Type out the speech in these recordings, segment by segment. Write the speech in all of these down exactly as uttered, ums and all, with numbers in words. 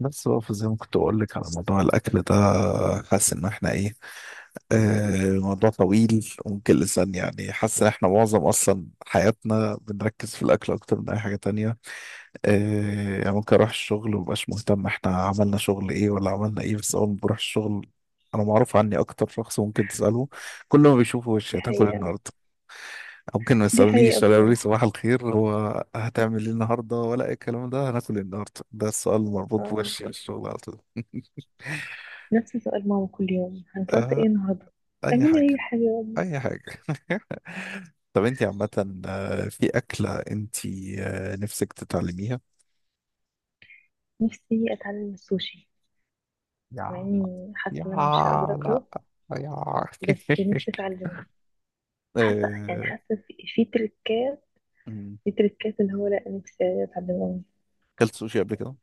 بس بقى زي ما كنت اقول لك على موضوع الاكل ده، حاسس ان احنا ايه. آه موضوع طويل وممكن لسان، يعني حاسس ان احنا معظم اصلا حياتنا بنركز في الاكل اكتر من اي حاجه تانية. آه يعني ممكن اروح الشغل ومبقاش مهتم احنا عملنا شغل ايه ولا عملنا ايه، بس اول ما بروح الشغل انا معروف عني اكتر شخص ممكن تساله كل ما بيشوفه وشي دي هتاكل حقيقة. النهارده. ممكن ما دي حقيقة يسألونيش ولا يقولوا لي بصراحة. صباح الخير، هو هتعمل ايه النهارده ولا اي الكلام ده، هناكل ايه النهارده، ده السؤال المربوط آه، بوشي في الشغل على طول. نفس سؤال ماما كل يوم هنتغدى آه، ايه النهاردة. اي اعملي اي حاجه، حاجة. اي حاجه. طب انت عامه، آه، في اكله انت آه، نفسك تتعلميها؟ نفسي اتعلم السوشي، مع يا، اني حاسة يا، ان انا مش هقدر لا، اكله، يا. بس نفسي اتعلمه. حاسة يعني آه، حاسة في, في تريكات، مم. في تريكات اللي هو لا، نفسي اتعلمه. اكلت سوشي قبل كده؟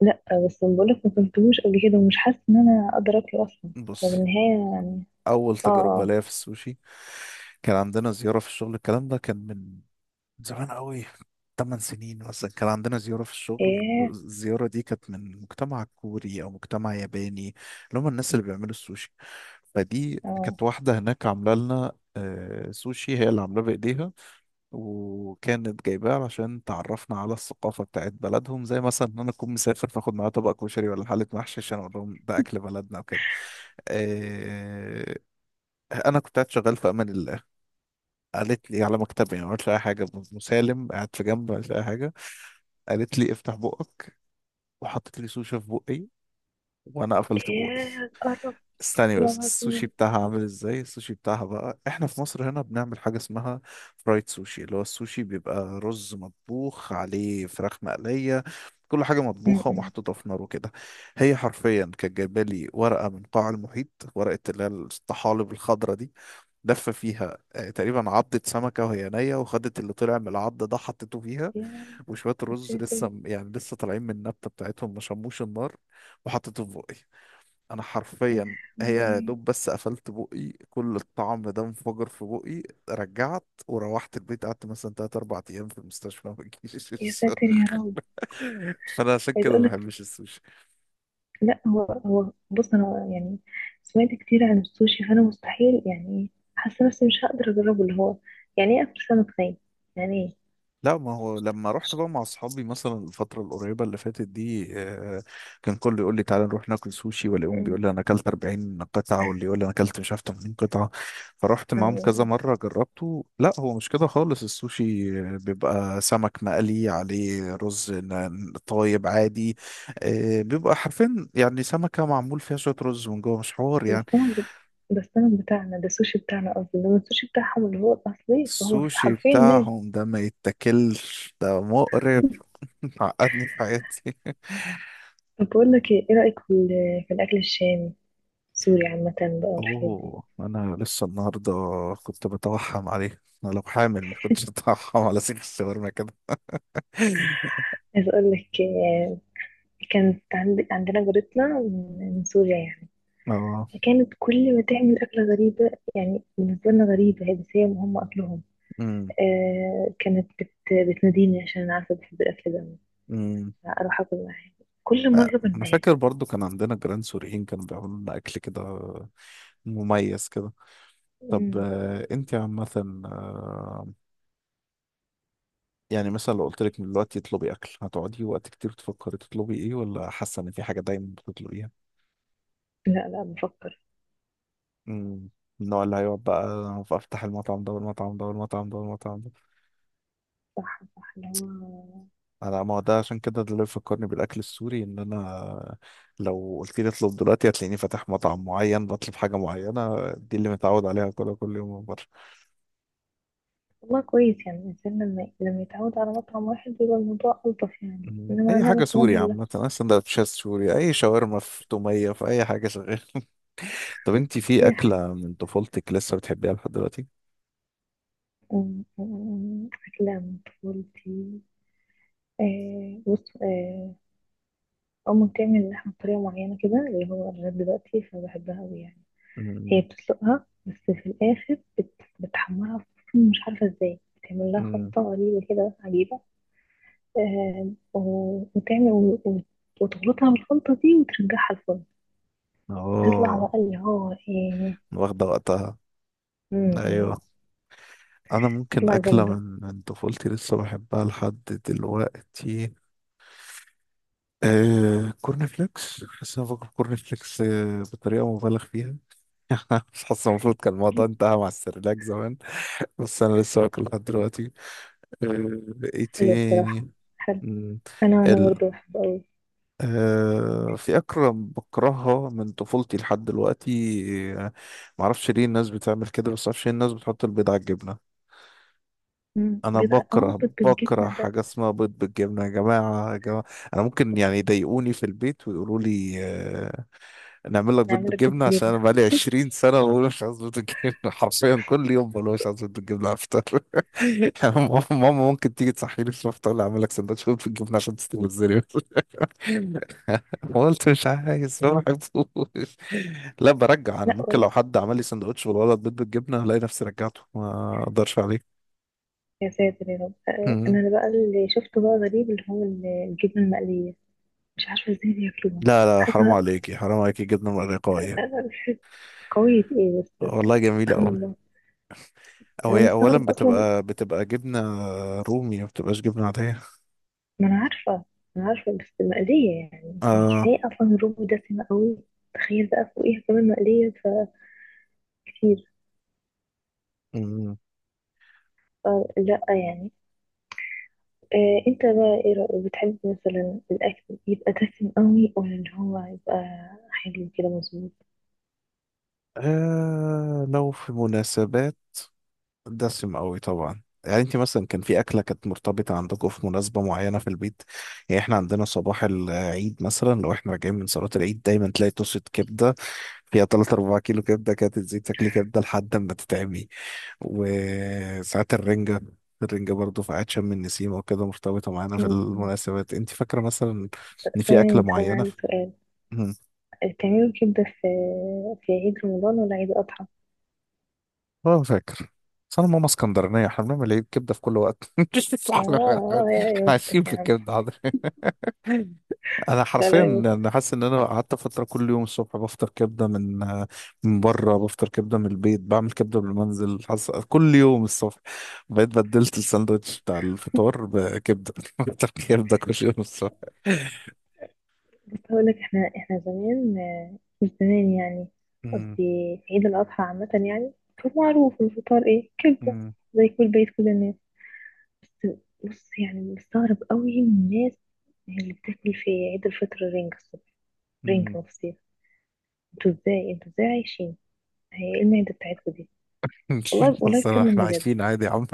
لا، بس بقولك ما كنتهوش قبل كده ومش حاسة ان انا اقدر اكله اصلا. هو بصي، بالنهاية يعني اول تجربه اه. ليا في السوشي كان عندنا زياره في الشغل. الكلام ده كان من زمان قوي، ثمان سنين مثلا. كان عندنا زيارة في الشغل، ايه. الزيارة دي كانت من مجتمع كوري أو مجتمع ياباني، اللي هم الناس اللي بيعملوا السوشي. فدي اه. كانت واحدة هناك عاملة لنا آه، سوشي، هي اللي عاملاه بإيديها وكانت جايباه عشان تعرفنا على الثقافة بتاعت بلدهم، زي مثلا إن أنا أكون مسافر فآخد معايا طبق كشري ولا حلة محشي عشان أقول لهم ده أكل بلدنا وكده. آه، أنا كنت قاعد شغال في أمان الله، قالت لي على مكتبي، ما عملتش أي حاجة، مسالم قاعد في جنب، ما عملتش أي حاجة، قالت لي افتح بقك وحطت لي سوشي في بقي وانا قفلت بقي. ايه قرب. استني بس، خلاص السوشي م- بتاعها عامل ازاي؟ السوشي بتاعها بقى، احنا في مصر هنا بنعمل حاجة اسمها فرايد سوشي، اللي هو السوشي بيبقى رز مطبوخ عليه فراخ مقلية، كل حاجة مطبوخة م. ومحطوطة في نار وكده. هي حرفيا كانت جايبة لي ورقة من قاع المحيط، ورقة اللي هي الطحالب الخضرا دي، لفة فيها آه، تقريبا عضة سمكة وهي نية، وخدت اللي طلع من العض ده حطته فيها ياه. وشوية يا الرز ساتر. لسه م- يعني لسه طالعين من النبتة بتاعتهم ما شموش النار، وحطيته في بقي. أنا يا حرفيا هي يا لهوي. دوب بس قفلت بقي كل الطعم ده انفجر في بقي. رجعت وروحت البيت، قعدت مثلا تلات أربع أيام في المستشفى ما بجيش. يا ساتر يا رب. فأنا عشان عايز كده اقول ما لك، بحبش السوشي. لا هو هو بص انا يعني سمعت كتير عن السوشي، فانا مستحيل يعني حاسه نفسي مش هقدر اجربه. اللي هو يعني ايه اكل سمك ني؟ يعني ايه؟ لا، ما هو لما رحت بقى مع اصحابي مثلا الفتره القريبه اللي فاتت دي، آه، كان كله يقول لي تعالى نروح ناكل سوشي، والاقيهم أمم. بيقول لي انا اكلت أربعين قطعة قطعه واللي يقول لي انا اكلت مش عارف تمانين قطعة قطعه. فرحت معاهم كذا أمم. مره جربته، لا هو مش كده خالص. السوشي آه، بيبقى سمك مقلي عليه رز ن- طايب عادي، آه، بيبقى حرفيا يعني سمكه معمول فيها شويه رز من جوه، مش حوار ده يعني. السمك بت- ده السمك بتاعنا، ده السوشي بتاعنا قصدي، انما السوشي بتاعهم اللي هو الاصلي فهو السوشي حرفيا ني. بتاعهم ده ما يتاكلش، ده مقرف. عقدني في حياتي. طب بقول لك ايه، إيه رايك في ال- في الاكل الشامي، السوري عامه بقى والحاجات دي؟ اوه، انا لسه النهارده كنت بتوحم عليه، انا لو حامل ما كنتش اتوحم على سيخ الشاورما كده. عايز اقول لك آه، كانت عندي عندنا جارتنا من من سوريا يعني، اه، فكانت كل ما تعمل أكلة غريبة، يعني بالنسبة لنا غريبة هي، بس هي هم أكلهم. امم، آه كانت بت بتناديني عشان أنا عارفة بحب الأكل ده، امم، أروح أكل معاها. كل آه، مرة انا بنبهر. فاكر برضو كان عندنا جيران سوريين كانوا بيعملوا لنا اكل كده مميز كده. طب مم. آه، انت عامه، آه، يعني مثلا لو قلت لك من دلوقتي اطلبي اكل هتقعدي وقت كتير تفكري تطلبي ايه؟ ولا حاسه ان في حاجه دايما بتطلبيها؟ لا لا، بفكر. امم، النوع اللي هيقعد بقى فافتح المطعم ده والمطعم ده والمطعم ده والمطعم. صح صح، اللي هو انا ما هو ده عشان كده ده اللي بيفكرني بالاكل السوري، ان انا لو قلت لي اطلب دلوقتي هتلاقيني فاتح مطعم معين بطلب حاجه معينه، دي اللي متعود عليها كلها كل يوم من بره. والله كويس يعني، الإنسان لما لما يتعود على مطعم واحد بيبقى الموضوع ألطف يعني. مم. إنما اي أنا حاجه مثلا سوري ولا عامه، اي سندوتشات سوري، اي شاورما في توميه في اي حاجه شغال. طب انت في أي حاجة. اكله من طفولتك لسه بتحبيها لحد دلوقتي؟ مم، مم، مم، أكلة من طفولتي. آه بص آه، أو مهتمة إن إحنا بطريقة معينة كده اللي هو لغاية دلوقتي فبحبها أوي يعني. مم. هي بتسلقها بس في الآخر بت... بتحمرها في- الفرن، مش عارفة إزاي بتعمل لها مم. خلطة غريبة كده عجيبة. آه و... وتعمل و... و... وتخلطها بالخلطة دي وترجعها الفرن. بتطلع اه، بقى اللي هو إيه. واخده وقتها. م- م. ايوه، انا ممكن بتطلع اكله جامدة. من من طفولتي لسه بحبها لحد دلوقتي، آه كورن فليكس. حاسس ان أنا باكل كورن فليكس آه بطريقه مبالغ فيها. مش حاسس المفروض كان الموضوع كل- انتهى مع السيرلاك زمان، بس انا لسه واكل لحد دلوقتي. آه، ايه حلو بصراحة. تاني؟ حلو. مم، أنا أنا ال، برضه بحبه أوي. آه، في اكله بكرهها من طفولتي لحد دلوقتي. آه، معرفش ليه الناس بتعمل كده، بس معرفش ليه الناس بتحط البيض على الجبنه. مم. انا بيض ع- اه بكره بيض بكره بالجبنة ده. حاجه اسمها بيض بالجبنه، يا جماعه يا جماعه. انا ممكن يعني يضايقوني في البيت ويقولوا لي آه، نعمل لك بيض نعمل لك بيض بالجبنه، عشان انا بالجبنة؟ بقالي عشرين سنة سنه بقول مش عايز بيض بالجبنه. حرفيا كل يوم بقول مش عايز بيض بالجبنه على الفطار. ماما ماما ممكن تيجي تصحيني في الفطار تقول لي اعمل لك سندوتش بيض بالجبنه عشان تستوي الزري. قلت مش عايز، ما بحبوش. لا برجع، انا لا ممكن ولا. لو حد عمل لي سندوتش بالولد بيض بالجبنه الاقي نفسي رجعته، ما اقدرش عليه. يا ساتر يا رب. آه، انا مم. اللي بقى اللي شفته بقى غريب اللي هو ال- الجبنه المقليه، مش عارفه ازاي بياكلوها. لا لا، حرام حاجه عليكي، حرام عليكي، جبنه مرقاية قويه ايه بس. والله جميله سبحان قوي. الله. او انا هي اولا مستغرب اصلا. بتبقى بتبقى جبنه رومي، ما بتبقاش جبنه عاديه. ما انا عارفه، ما انا عارفه، بس مقليه يعني. يعني آه. كفايه اصلا الرز دسمه قوي، تخيل بقى فوقيها كمان مقليه، فكتير، مم. فلا يعني. آه انت بقى ايه رأيك، بتحب مثلا الاكل يبقى دسم قوي ولا اللي هو يبقى حلو كده مظبوط؟ آه. لو في مناسبات، دسم قوي طبعا. يعني انت مثلا كان في اكله كانت مرتبطه عندكم في مناسبه معينه في البيت؟ يعني احنا عندنا صباح العيد مثلا لو احنا راجعين من صلاه العيد دايما تلاقي طاسه كبده فيها تلاتة 4 كيلو كبده، كانت تزيد تاكلي كبده لحد ما تتعبي. وساعات الرنجه، الرنجة برضه في عيد شم النسيم وكده، مرتبطة معانا في م- م. المناسبات. انت فاكرة مثلا بس ان أنا في أكلة يعني، بس أنا معينة؟ عندي سؤال، مم. بتعملوا كبدة في في عيد رمضان ولا عيد الأضحى؟ اه فاكر. بس انا ماما اسكندرانيه احنا بنعمل ايه كبده في كل وقت. آه احنا آه، يا يا إحنا بختك عايشين في يا عم. الكبده، حاضر. انا لا حرفيا لا يا انا بختك. حاسس ان انا قعدت فتره كل يوم الصبح بفطر كبده، من من بره بفطر كبده، من البيت بعمل كبده بالمنزل، حاسس كل يوم الصبح بقيت بدلت الساندوتش بتاع الفطار بكبده. بفطر كبده كل يوم الصبح. بس هقول لك احنا، احنا زمان آه، مش زمان يعني، قصدي أمم، في عيد الأضحى عامة يعني كان معروف الفطار ايه، كبدة، أمم، زي كل بيت، كل الناس. بس بص يعني مستغرب قوي من الناس اللي بتاكل في عيد الفطر رنجة الصبح، رنجة أمم. وفسيخ. انتوا ازاي انتوا ازاي عايشين؟ هي ايه المعدة بتاعتكوا دي؟ والله والله بس أنا- بتكلم احنا بجد. عايشين عادي يا عم.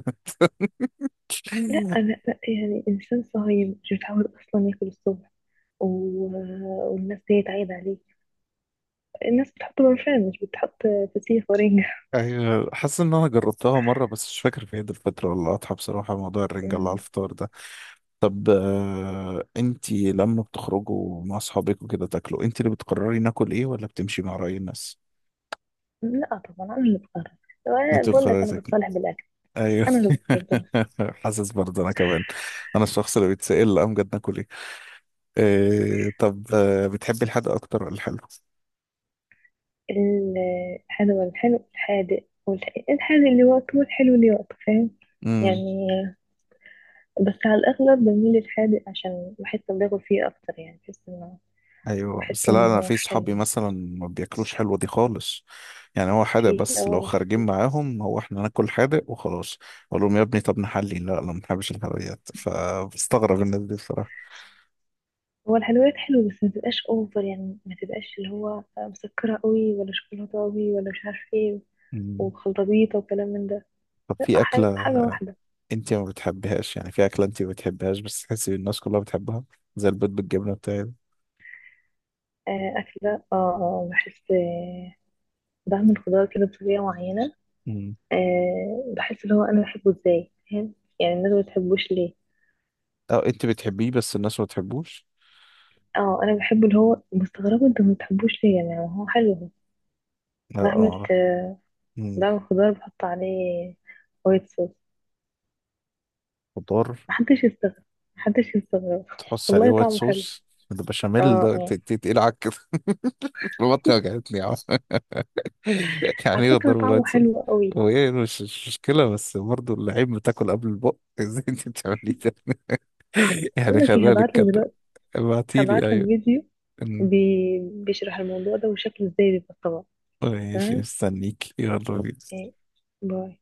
لا لا لا، يعني إنسان صهيب مش متعود أصلا ياكل الصبح، و... والناس ديت عايدة عليه؟ الناس بتحط برفان، مش بتحط فسيخ ورنجة. أيوة، حاسس إن أنا جربتها مرة بس مش فاكر في عيد الفطر ولا الأضحى بصراحة، موضوع الرنجة اللي على أمم. الفطار ده. طب آه، أنتي لما بتخرجوا مع أصحابك وكده تاكلوا أنتي اللي بتقرري ناكل إيه ولا بتمشي مع رأي الناس؟ لا طبعا أنا اللي بقرر، وأنا أنتي بقول لك بتقرري أنا تاكلي، بتصالح بالأكل. أيوة. أنا اللي بقرر طبعا. حاسس برضه أنا كمان، أنا الشخص اللي بيتسأل لا أمجد ناكل إيه. آه، طب آه، بتحبي الحادق أكتر ولا الحلو؟ الحلو الحلو، الحادق والح- الحادق اللي وقته والحلو اللي وقته، فاهم امم، يعني. بس على الأغلب بميل للحادق عشان بحس إن باكل فيه أكتر، يعني بحس إنه، أيوة، بحس بس إنه لا أنا هو في حلو. صحابي مثلا ما بياكلوش حلوة دي خالص، يعني هو حادق في بس، اه لو ناس خارجين كتير. معاهم هو احنا ناكل حادق وخلاص، اقول لهم يا ابني طب نحلي، لا لا ما بنحبش الحلويات. فبستغرب الناس دي بصراحة. هو الحلويات حلوة بس ما تبقاش اوفر، يعني ما تبقاش اللي هو مسكرة قوي ولا شوكولاتة قوي ولا مش عارف ايه مم. وخلطة بيضة وكلام من ده. طب لا في ح- أكلة حاجة واحدة. أنت ما بتحبهاش؟ يعني في أكلة أنت ما بتحبهاش بس تحسي الناس كلها بتحبها، زي البيض بالجبنة بتاعي ده. آه، أكل ده اه، آه، بحس آه، بعمل خضار كده بطريقة معينة، مم. آه، بحس اللي هو أنا بحبه ازاي، فاهم يعني، الناس ما بتحبوش ليه. أه أنت بتحبيه بس الناس ما بتحبوش. اه أنا بحبه اللي هو مستغربة انتوا ما بتحبوش ليه، يعني هو حلو. هو لا بعمل أعرف. آه، مم. بعمل خضار بحط عليه وايت صوص. خضار محدش يستغرب، محدش يستغرب تحط عليه والله وايت طعمه حلو. صوص؟ البشاميل اه ده ت- اه ت- تقيل على بطني، وجعتني يا عم. يعني على ايه فكرة الضرب طعمه رايت صدر؟ حلو قوي. هو ايه، مش مش مشكلة، بس برضه اللعيب بتاكل قبل البق. ازاي انت بتعملي ده؟ اقول يعني لك ايه، خلينا هبعت لك نتكلم. دلوقتي، هبعت ابعتيلي، لك ايوه. فيديو أمم. بي... بيشرح الموضوع ده وشكله ازاي بيبقى الطبق. ماشي، تمام. مستنيك، يلا بينا. إيه. باي.